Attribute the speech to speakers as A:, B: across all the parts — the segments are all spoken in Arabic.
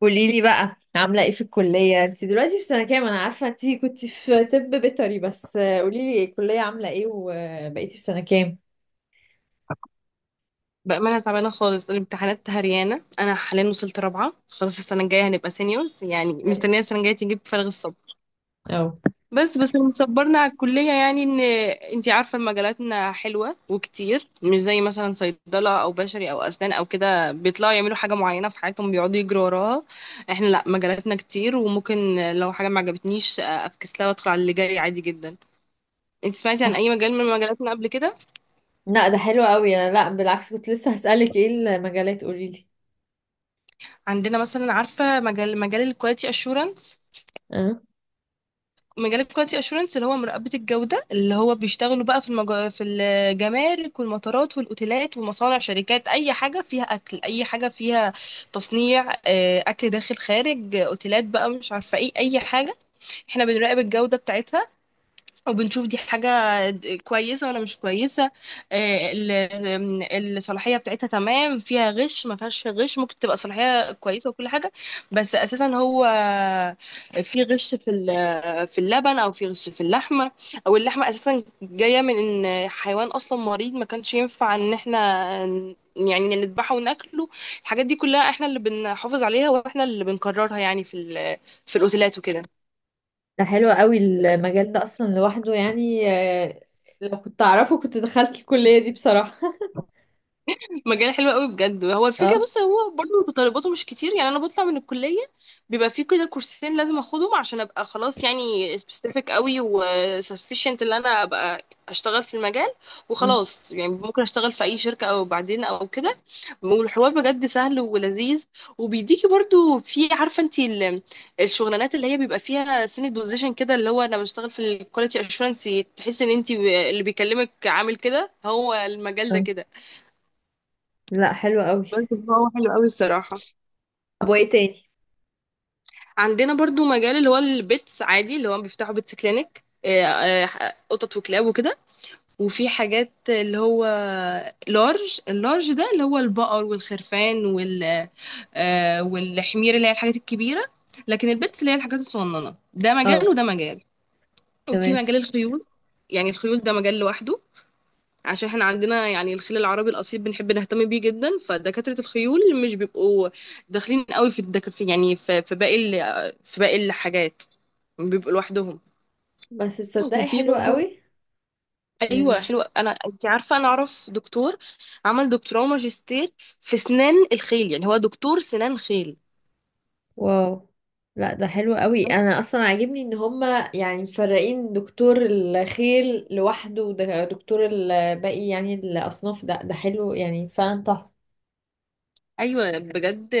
A: قولي لي بقى عامله ايه في الكليه؟ انت دلوقتي في سنه كام؟ انا عارفه انت كنت في طب بيطري، بس قولي لي الكليه عامله ايه وبقيتي في سنه كام.
B: بأمانة تعبانة خالص. الامتحانات هريانة. أنا حاليا وصلت رابعة. خلاص السنة الجاية هنبقى سينيورز، يعني
A: حلو.
B: مستنية السنة الجاية تجيب. فارغ الصبر.
A: او.
B: بس اللي مصبرنا على الكلية يعني، إن أنتي عارفة، مجالاتنا حلوة وكتير، مش زي مثلا صيدلة أو بشري أو أسنان أو كده بيطلعوا يعملوا حاجة معينة في حياتهم، بيقعدوا يجروا وراها. إحنا لأ، مجالاتنا كتير، وممكن لو حاجة ما عجبتنيش أفكس لها وأدخل على اللي جاي عادي جدا. أنتي سمعتي عن أي مجال من مجالاتنا قبل كده؟
A: لا ده حلو قوي. انا لا بالعكس، كنت لسه هسالك ايه المجالات، قولي لي.
B: عندنا مثلا، عارفة، مجال الكواليتي أشورنس.
A: اه،
B: مجالات كواليتي اشورنس اللي هو مراقبة الجودة، اللي هو بيشتغلوا بقى في الجمارك والمطارات والاوتيلات ومصانع شركات، اي حاجة فيها اكل، اي حاجة فيها تصنيع، اكل داخل خارج، اوتيلات بقى، مش عارفة ايه، اي حاجة. احنا بنراقب الجودة بتاعتها، وبنشوف دي حاجة كويسة ولا مش كويسة. الصلاحية بتاعتها تمام، فيها غش ما فيهاش غش، ممكن تبقى صلاحية كويسة وكل حاجة. بس أساسا هو في غش في اللبن، أو في غش في اللحمة، أو اللحمة أساسا جاية من إن حيوان أصلا مريض ما كانش ينفع إن إحنا يعني نذبحه وناكله. الحاجات دي كلها إحنا اللي بنحافظ عليها، وإحنا اللي بنكررها يعني في الأوتيلات وكده.
A: ده حلو قوي المجال ده اصلا لوحده، يعني لو كنت اعرفه كنت دخلت الكليه دي بصراحه.
B: مجال حلو قوي بجد، هو الفكره.
A: اه.
B: بس هو برضه متطلباته مش كتير يعني، انا بطلع من الكليه بيبقى في كده كورسين لازم اخدهم عشان ابقى خلاص يعني سبيسيفيك قوي وسفيشنت اللي انا ابقى اشتغل في المجال
A: أمم.
B: وخلاص، يعني ممكن اشتغل في اي شركه او بعدين او كده. والحوار بجد سهل ولذيذ، وبيديكي برضه، في، عارفه انت، الشغلانات اللي هي بيبقى فيها سنة بوزيشن كده، اللي هو انا بشتغل في الكواليتي اشورنس تحس ان انت اللي بيكلمك عامل كده، هو المجال ده
A: آه.
B: كده.
A: لا حلو قوي.
B: بس هو حلو قوي الصراحة.
A: طب وايه تاني؟
B: عندنا برضو مجال اللي هو البيتس عادي، اللي هو بيفتحوا بيتس كلينك، قطط وكلاب وكده. وفي حاجات اللي هو لارج، اللارج ده اللي هو البقر والخرفان والحمير، اللي هي الحاجات الكبيرة. لكن البيتس اللي هي الحاجات الصغننة، ده مجال
A: اه،
B: وده مجال. وفي
A: تمام.
B: مجال الخيول، يعني الخيول ده مجال لوحده، عشان احنا عندنا يعني الخيل العربي الاصيل بنحب نهتم بيه جدا، فدكاتره الخيول مش بيبقوا داخلين قوي في الدك... في يعني في, في في باقي الحاجات، بيبقوا لوحدهم.
A: بس تصدقي
B: وفي
A: حلو
B: برضو،
A: قوي
B: ايوه
A: يعني.
B: حلوه. انا، انت عارفه، انا اعرف دكتور عمل دكتوراه وماجستير في سنان الخيل، يعني هو دكتور سنان خيل.
A: واو. لا ده حلو قوي، انا اصلا عاجبني ان هما يعني مفرقين دكتور الخيل لوحده ودكتور الباقي يعني الاصناف، ده حلو يعني فعلا تحفه.
B: ايوه بجد،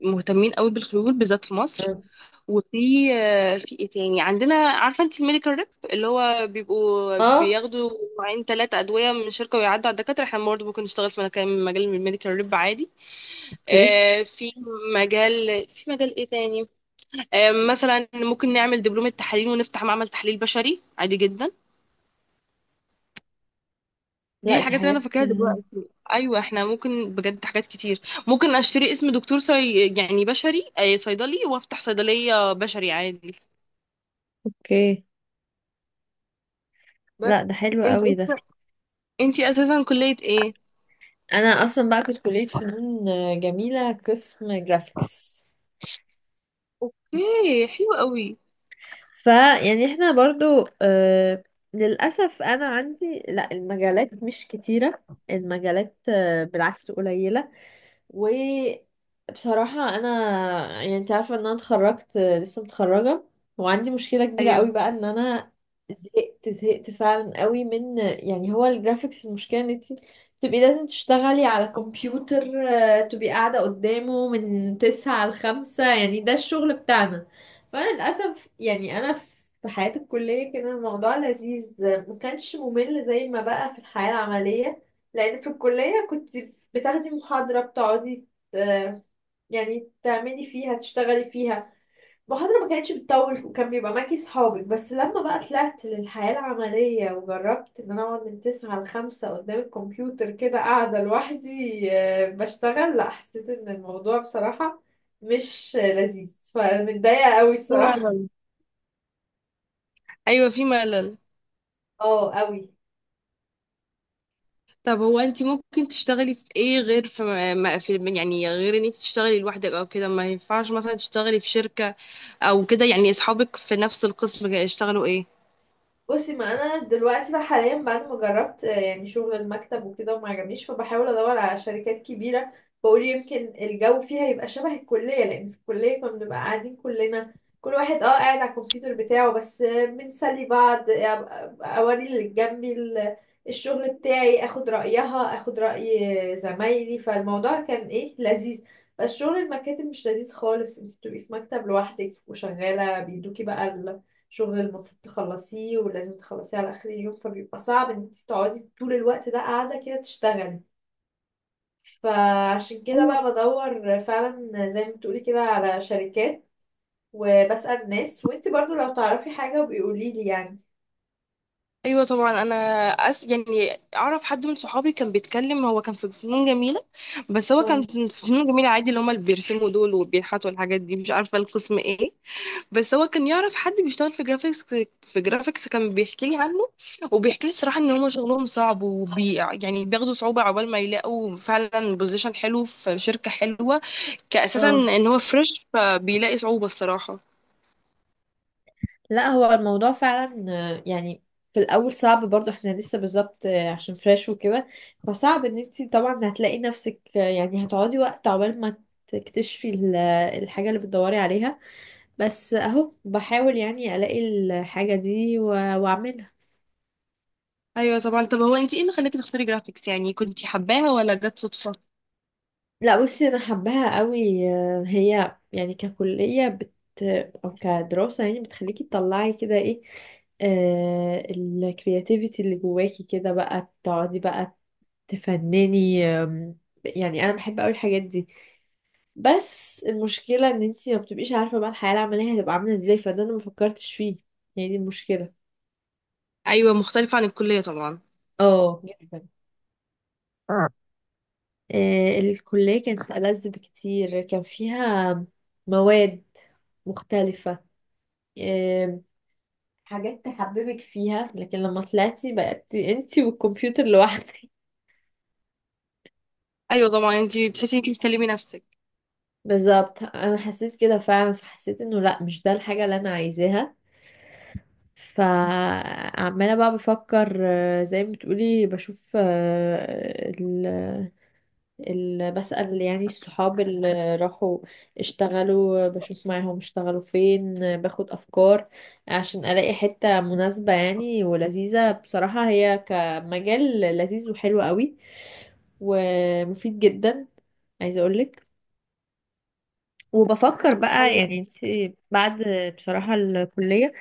B: مهتمين قوي بالخيول بالذات في مصر.
A: اه.
B: وفي في ايه تاني عندنا؟ عارفه انت الميديكال ريب، اللي هو بيبقوا
A: آه،
B: بياخدوا نوعين ثلاثه ادويه من الشركه ويعدوا على الدكاتره، احنا برضه ممكن نشتغل في مكان مجال الميديكال ريب عادي.
A: اوكي.
B: في مجال، في مجال ايه تاني؟ مثلا ممكن نعمل دبلومه تحاليل ونفتح معمل تحليل بشري عادي جدا. دي
A: لا دي
B: الحاجات اللي انا
A: حاجات.
B: فاكراها دلوقتي، ايوه احنا ممكن بجد حاجات كتير. ممكن اشتري اسم دكتور يعني بشري، صيدلي، وافتح صيدليه بشري عادي.
A: اوكي.
B: بس
A: لا ده حلو
B: انت،
A: قوي ده.
B: انتي اساسا كلية ايه؟
A: انا اصلا بقى كنت كليه فنون جميله، قسم جرافيكس.
B: اوكي حلو قوي.
A: فيعني احنا برضو آه، للاسف انا عندي لا المجالات مش كتيره، المجالات بالعكس قليله. وبصراحة أنا يعني أنت عارفة إن أنا اتخرجت، لسه متخرجة، وعندي مشكلة كبيرة قوي
B: ايوه
A: بقى إن أنا زهقت فعلا قوي من يعني هو الجرافيكس. المشكلة إن أنت تبقي لازم تشتغلي على كمبيوتر، تبقي قاعدة قدامه من 9 لـ 5، يعني ده الشغل بتاعنا. فأنا للأسف يعني أنا في حياة الكلية كان الموضوع لذيذ، ما كانش ممل زي ما بقى في الحياة العملية. لان في الكلية كنت بتاخدي محاضرة، بتقعدي آه، يعني تعملي فيها، تشتغلي فيها. المحاضرة ما كانتش بتطول وكان بيبقى معاكي صحابك. بس لما بقى طلعت للحياة العملية وجربت ان انا اقعد من 9 لـ 5 قدام الكمبيوتر، كده قاعدة لوحدي، بشتغل، لا حسيت ان الموضوع بصراحة مش لذيذ، فمتضايقة قوي
B: في
A: الصراحة.
B: ملل. ايوه في ملل.
A: اه قوي.
B: طب هو انتي ممكن تشتغلي في ايه غير ما في يعني غير ان انتي تشتغلي لوحدك او كده؟ ما ينفعش مثلا تشتغلي في شركة او كده يعني؟ اصحابك في نفس القسم اشتغلوا ايه؟
A: بصي، ما انا دلوقتي بقى حاليا بعد ما جربت يعني شغل المكتب وكده وما عجبنيش، فبحاول ادور على شركات كبيره. بقول يمكن الجو فيها يبقى شبه الكليه، لان في الكليه كنا بنبقى قاعدين كلنا، كل واحد اه قاعد على الكمبيوتر بتاعه، بس بنسلي بعض، اوري اللي جنبي الشغل بتاعي، اخد رايها، اخد راي زمايلي، فالموضوع كان ايه لذيذ. بس شغل المكاتب مش لذيذ خالص، انت بتبقي في مكتب لوحدك وشغاله بيدوكي بقى، شغل المفروض تخلصيه ولازم تخلصيه على آخر اليوم، فبيبقى صعب ان انت تقعدي طول الوقت ده قاعدة كده تشتغلي. فعشان كده
B: ايوه.
A: بقى بدور فعلا زي ما بتقولي كده على شركات وبسأل ناس، وانت برضو لو تعرفي حاجة بيقولي لي يعني.
B: ايوه طبعا. انا يعني اعرف حد من صحابي كان بيتكلم، هو كان في فنون جميله. بس هو كان
A: اه.
B: في فنون جميله عادي، اللي هما اللي بيرسموا دول وبينحتوا الحاجات دي، مش عارفه القسم ايه. بس هو كان يعرف حد بيشتغل في جرافيكس، في جرافيكس كان بيحكي لي عنه. وبيحكي لي الصراحه ان هم شغلهم صعب، يعني بياخدوا صعوبه عقبال ما يلاقوا فعلا بوزيشن حلو في شركه حلوه، كاساسا
A: اه
B: ان هو فريش، فبيلاقي صعوبه الصراحه.
A: لا، هو الموضوع فعلا يعني في الاول صعب، برضو احنا لسه بالظبط، عشان فريش وكده، فصعب ان انت طبعا هتلاقي نفسك، يعني هتقعدي وقت عقبال ما تكتشفي الحاجة اللي بتدوري عليها. بس اهو بحاول يعني الاقي الحاجة دي واعملها.
B: ايوه طبعا. طب هو انت ايه اللي خلاكي تختاري جرافيكس يعني؟ كنتي حباها ولا جت صدفه؟
A: لا بصي، انا حباها قوي، هي يعني ككلية او كدراسة يعني بتخليكي تطلعي كده ايه، الكرياتيفيتي اللي جواكي، كده بقى تقعدي بقى تفنني. يعني انا بحب قوي الحاجات دي. بس المشكلة ان انتي ما بتبقيش عارفة بقى الحياة العملية هتبقى عاملة ازاي، فده انا ما فكرتش فيه، هي دي المشكلة.
B: ايوه مختلفه عن الكليه طبعا.
A: اه جدا. الكلية كانت ألذ بكتير، كان فيها مواد مختلفة، آه، حاجات تحببك فيها، لكن لما طلعتي بقت انتي والكمبيوتر لوحدك.
B: ايوه طبعا، انت بتحسي انت بتكلمي نفسك.
A: بالظبط، انا حسيت كده فعلا، فحسيت انه لا مش ده الحاجة اللي انا عايزاها. فعمالة بقى بفكر، زي ما بتقولي، بشوف بسأل يعني الصحاب اللي راحوا اشتغلوا، بشوف معاهم اشتغلوا فين، باخد أفكار عشان ألاقي حتة مناسبة يعني ولذيذة. بصراحة هي كمجال لذيذ وحلو قوي ومفيد جدا، عايزة أقولك. وبفكر بقى
B: أيوة.
A: يعني انت، بعد بصراحة الكلية،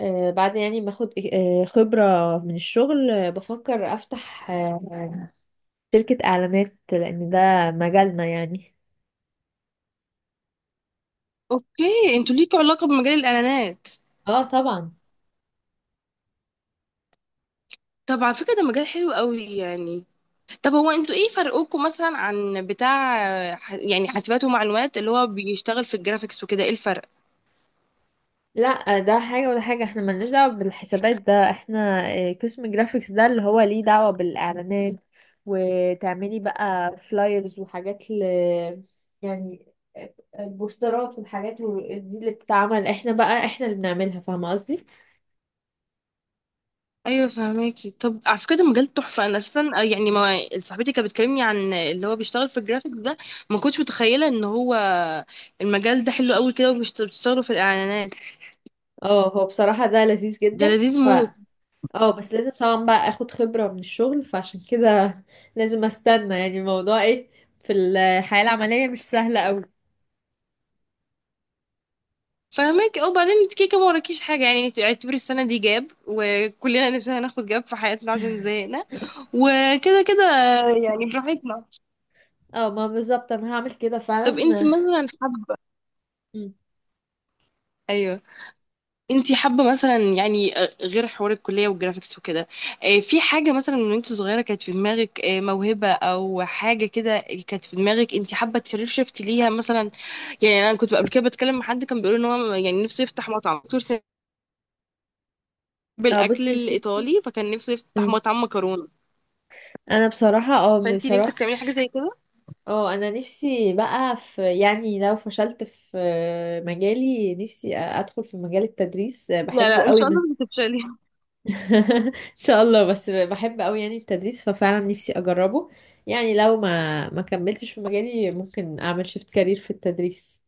A: بعد يعني ما اخد خبرة من الشغل، بفكر افتح شركة اعلانات، لان ده مجالنا يعني.
B: اوكي، انتوا ليكوا علاقه بمجال الاعلانات؟
A: اه طبعا.
B: طب على فكره ده مجال حلو قوي يعني. طب هو انتوا ايه فرقوكوا مثلا عن بتاع يعني حاسبات ومعلومات اللي هو بيشتغل في الجرافيكس وكده؟ ايه الفرق؟
A: لا ده حاجة ولا حاجة، احنا ملناش دعوة بالحسابات، ده احنا قسم جرافيكس، ده اللي هو ليه دعوة بالإعلانات، وتعملي بقى فلايرز وحاجات ل يعني، البوسترات والحاجات دي اللي بتتعمل، احنا بقى احنا اللي بنعملها، فاهمة قصدي؟
B: ايوه فهماكي. طب على فكره ده مجال تحفه، انا اساسا يعني ما صاحبتي كانت بتكلمني عن اللي هو بيشتغل في الجرافيك ده، ما كنتش متخيله ان هو المجال ده حلو قوي كده وبتشتغلوا في الاعلانات.
A: اه هو بصراحة ده لذيذ
B: ده
A: جدا
B: لذيذ
A: ف،
B: موت.
A: اه بس لازم طبعا بقى اخد خبرة من الشغل، فعشان كده لازم استنى يعني. الموضوع ايه في الحياة العملية مش سهلة قوي.
B: فهماكي، اه. وبعدين انت كيكه ما وراكيش حاجه، يعني انت اعتبري السنه دي جاب، وكلنا نفسنا ناخد جاب في حياتنا عشان زهقنا وكده كده يعني، براحتنا.
A: اه ما بالظبط، انا هعمل كده
B: طب انت
A: فعلا.
B: مثلا حابه،
A: مم.
B: ايوه، انتي حابه مثلا يعني، غير حوار الكليه والجرافيكس وكده، في حاجه مثلا من وانت صغيره كانت في دماغك، موهبه او حاجه كده كانت في دماغك، انتي حابه تكارير شيفت ليها مثلا؟ يعني انا كنت قبل كده بتكلم مع حد كان بيقول ان هو يعني نفسه يفتح مطعم، دكتور سامي،
A: اه
B: بالاكل
A: بصي يا ستي.
B: الايطالي فكان نفسه يفتح
A: مم.
B: مطعم مكرونه.
A: انا بصراحة اه
B: فانتي نفسك
A: بصراحة
B: تعملي حاجه زي كده؟
A: اه انا نفسي بقى، في يعني لو فشلت في مجالي، نفسي ادخل في مجال التدريس،
B: لا
A: بحبه
B: لا، ان
A: قوي
B: شاء الله
A: من.
B: مش هتفشلي.
A: ان شاء الله، بس بحب قوي يعني التدريس، ففعلا نفسي اجربه يعني. لو ما كملتش في مجالي ممكن اعمل شيفت كارير في التدريس.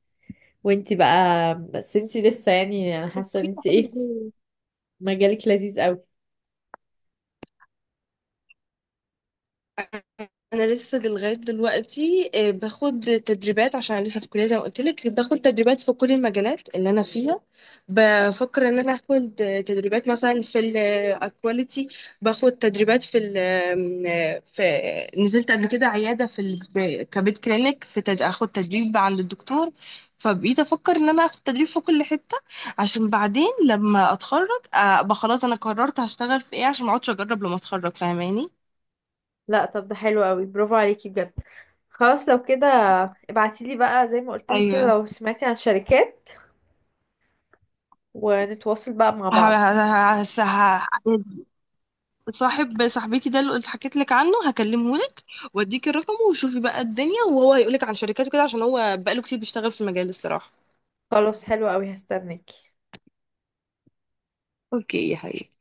A: وانتي بقى، بس انتي لسه يعني، انا حاسة ان انتي ايه، مجالك لذيذ قوي.
B: انا لسه لغايه دلوقتي باخد تدريبات، عشان لسه في الكليه زي ما قلت لك، باخد تدريبات في كل المجالات اللي انا فيها. بفكر ان انا اخد تدريبات مثلا في الاكواليتي، باخد تدريبات في ال آم، آه، في نزلت قبل كده عياده كبيت كلينيك، اخد تدريب عند الدكتور. فبقيت افكر ان انا اخد تدريب في كل حته، عشان بعدين لما اتخرج ابقى خلاص انا قررت هشتغل في ايه، عشان ما اقعدش اجرب لما اتخرج. فاهماني؟
A: لا طب ده حلو قوي، برافو عليكي بجد. خلاص لو كده ابعتيلي بقى زي ما قلتلك كده
B: ايوه.
A: لو سمعتي عن شركات، ونتواصل بقى مع
B: ه-
A: بعض.
B: ه- ه- ه- صاحبتي ده اللي قلت حكيت لك عنه هكلمه لك، واديك الرقم، وشوفي بقى الدنيا، وهو هيقولك عن شركاته كده، عشان هو بقاله كتير بيشتغل في المجال الصراحة.
A: خلاص حلو قوي، هستناكي.
B: اوكي يا حبيبي.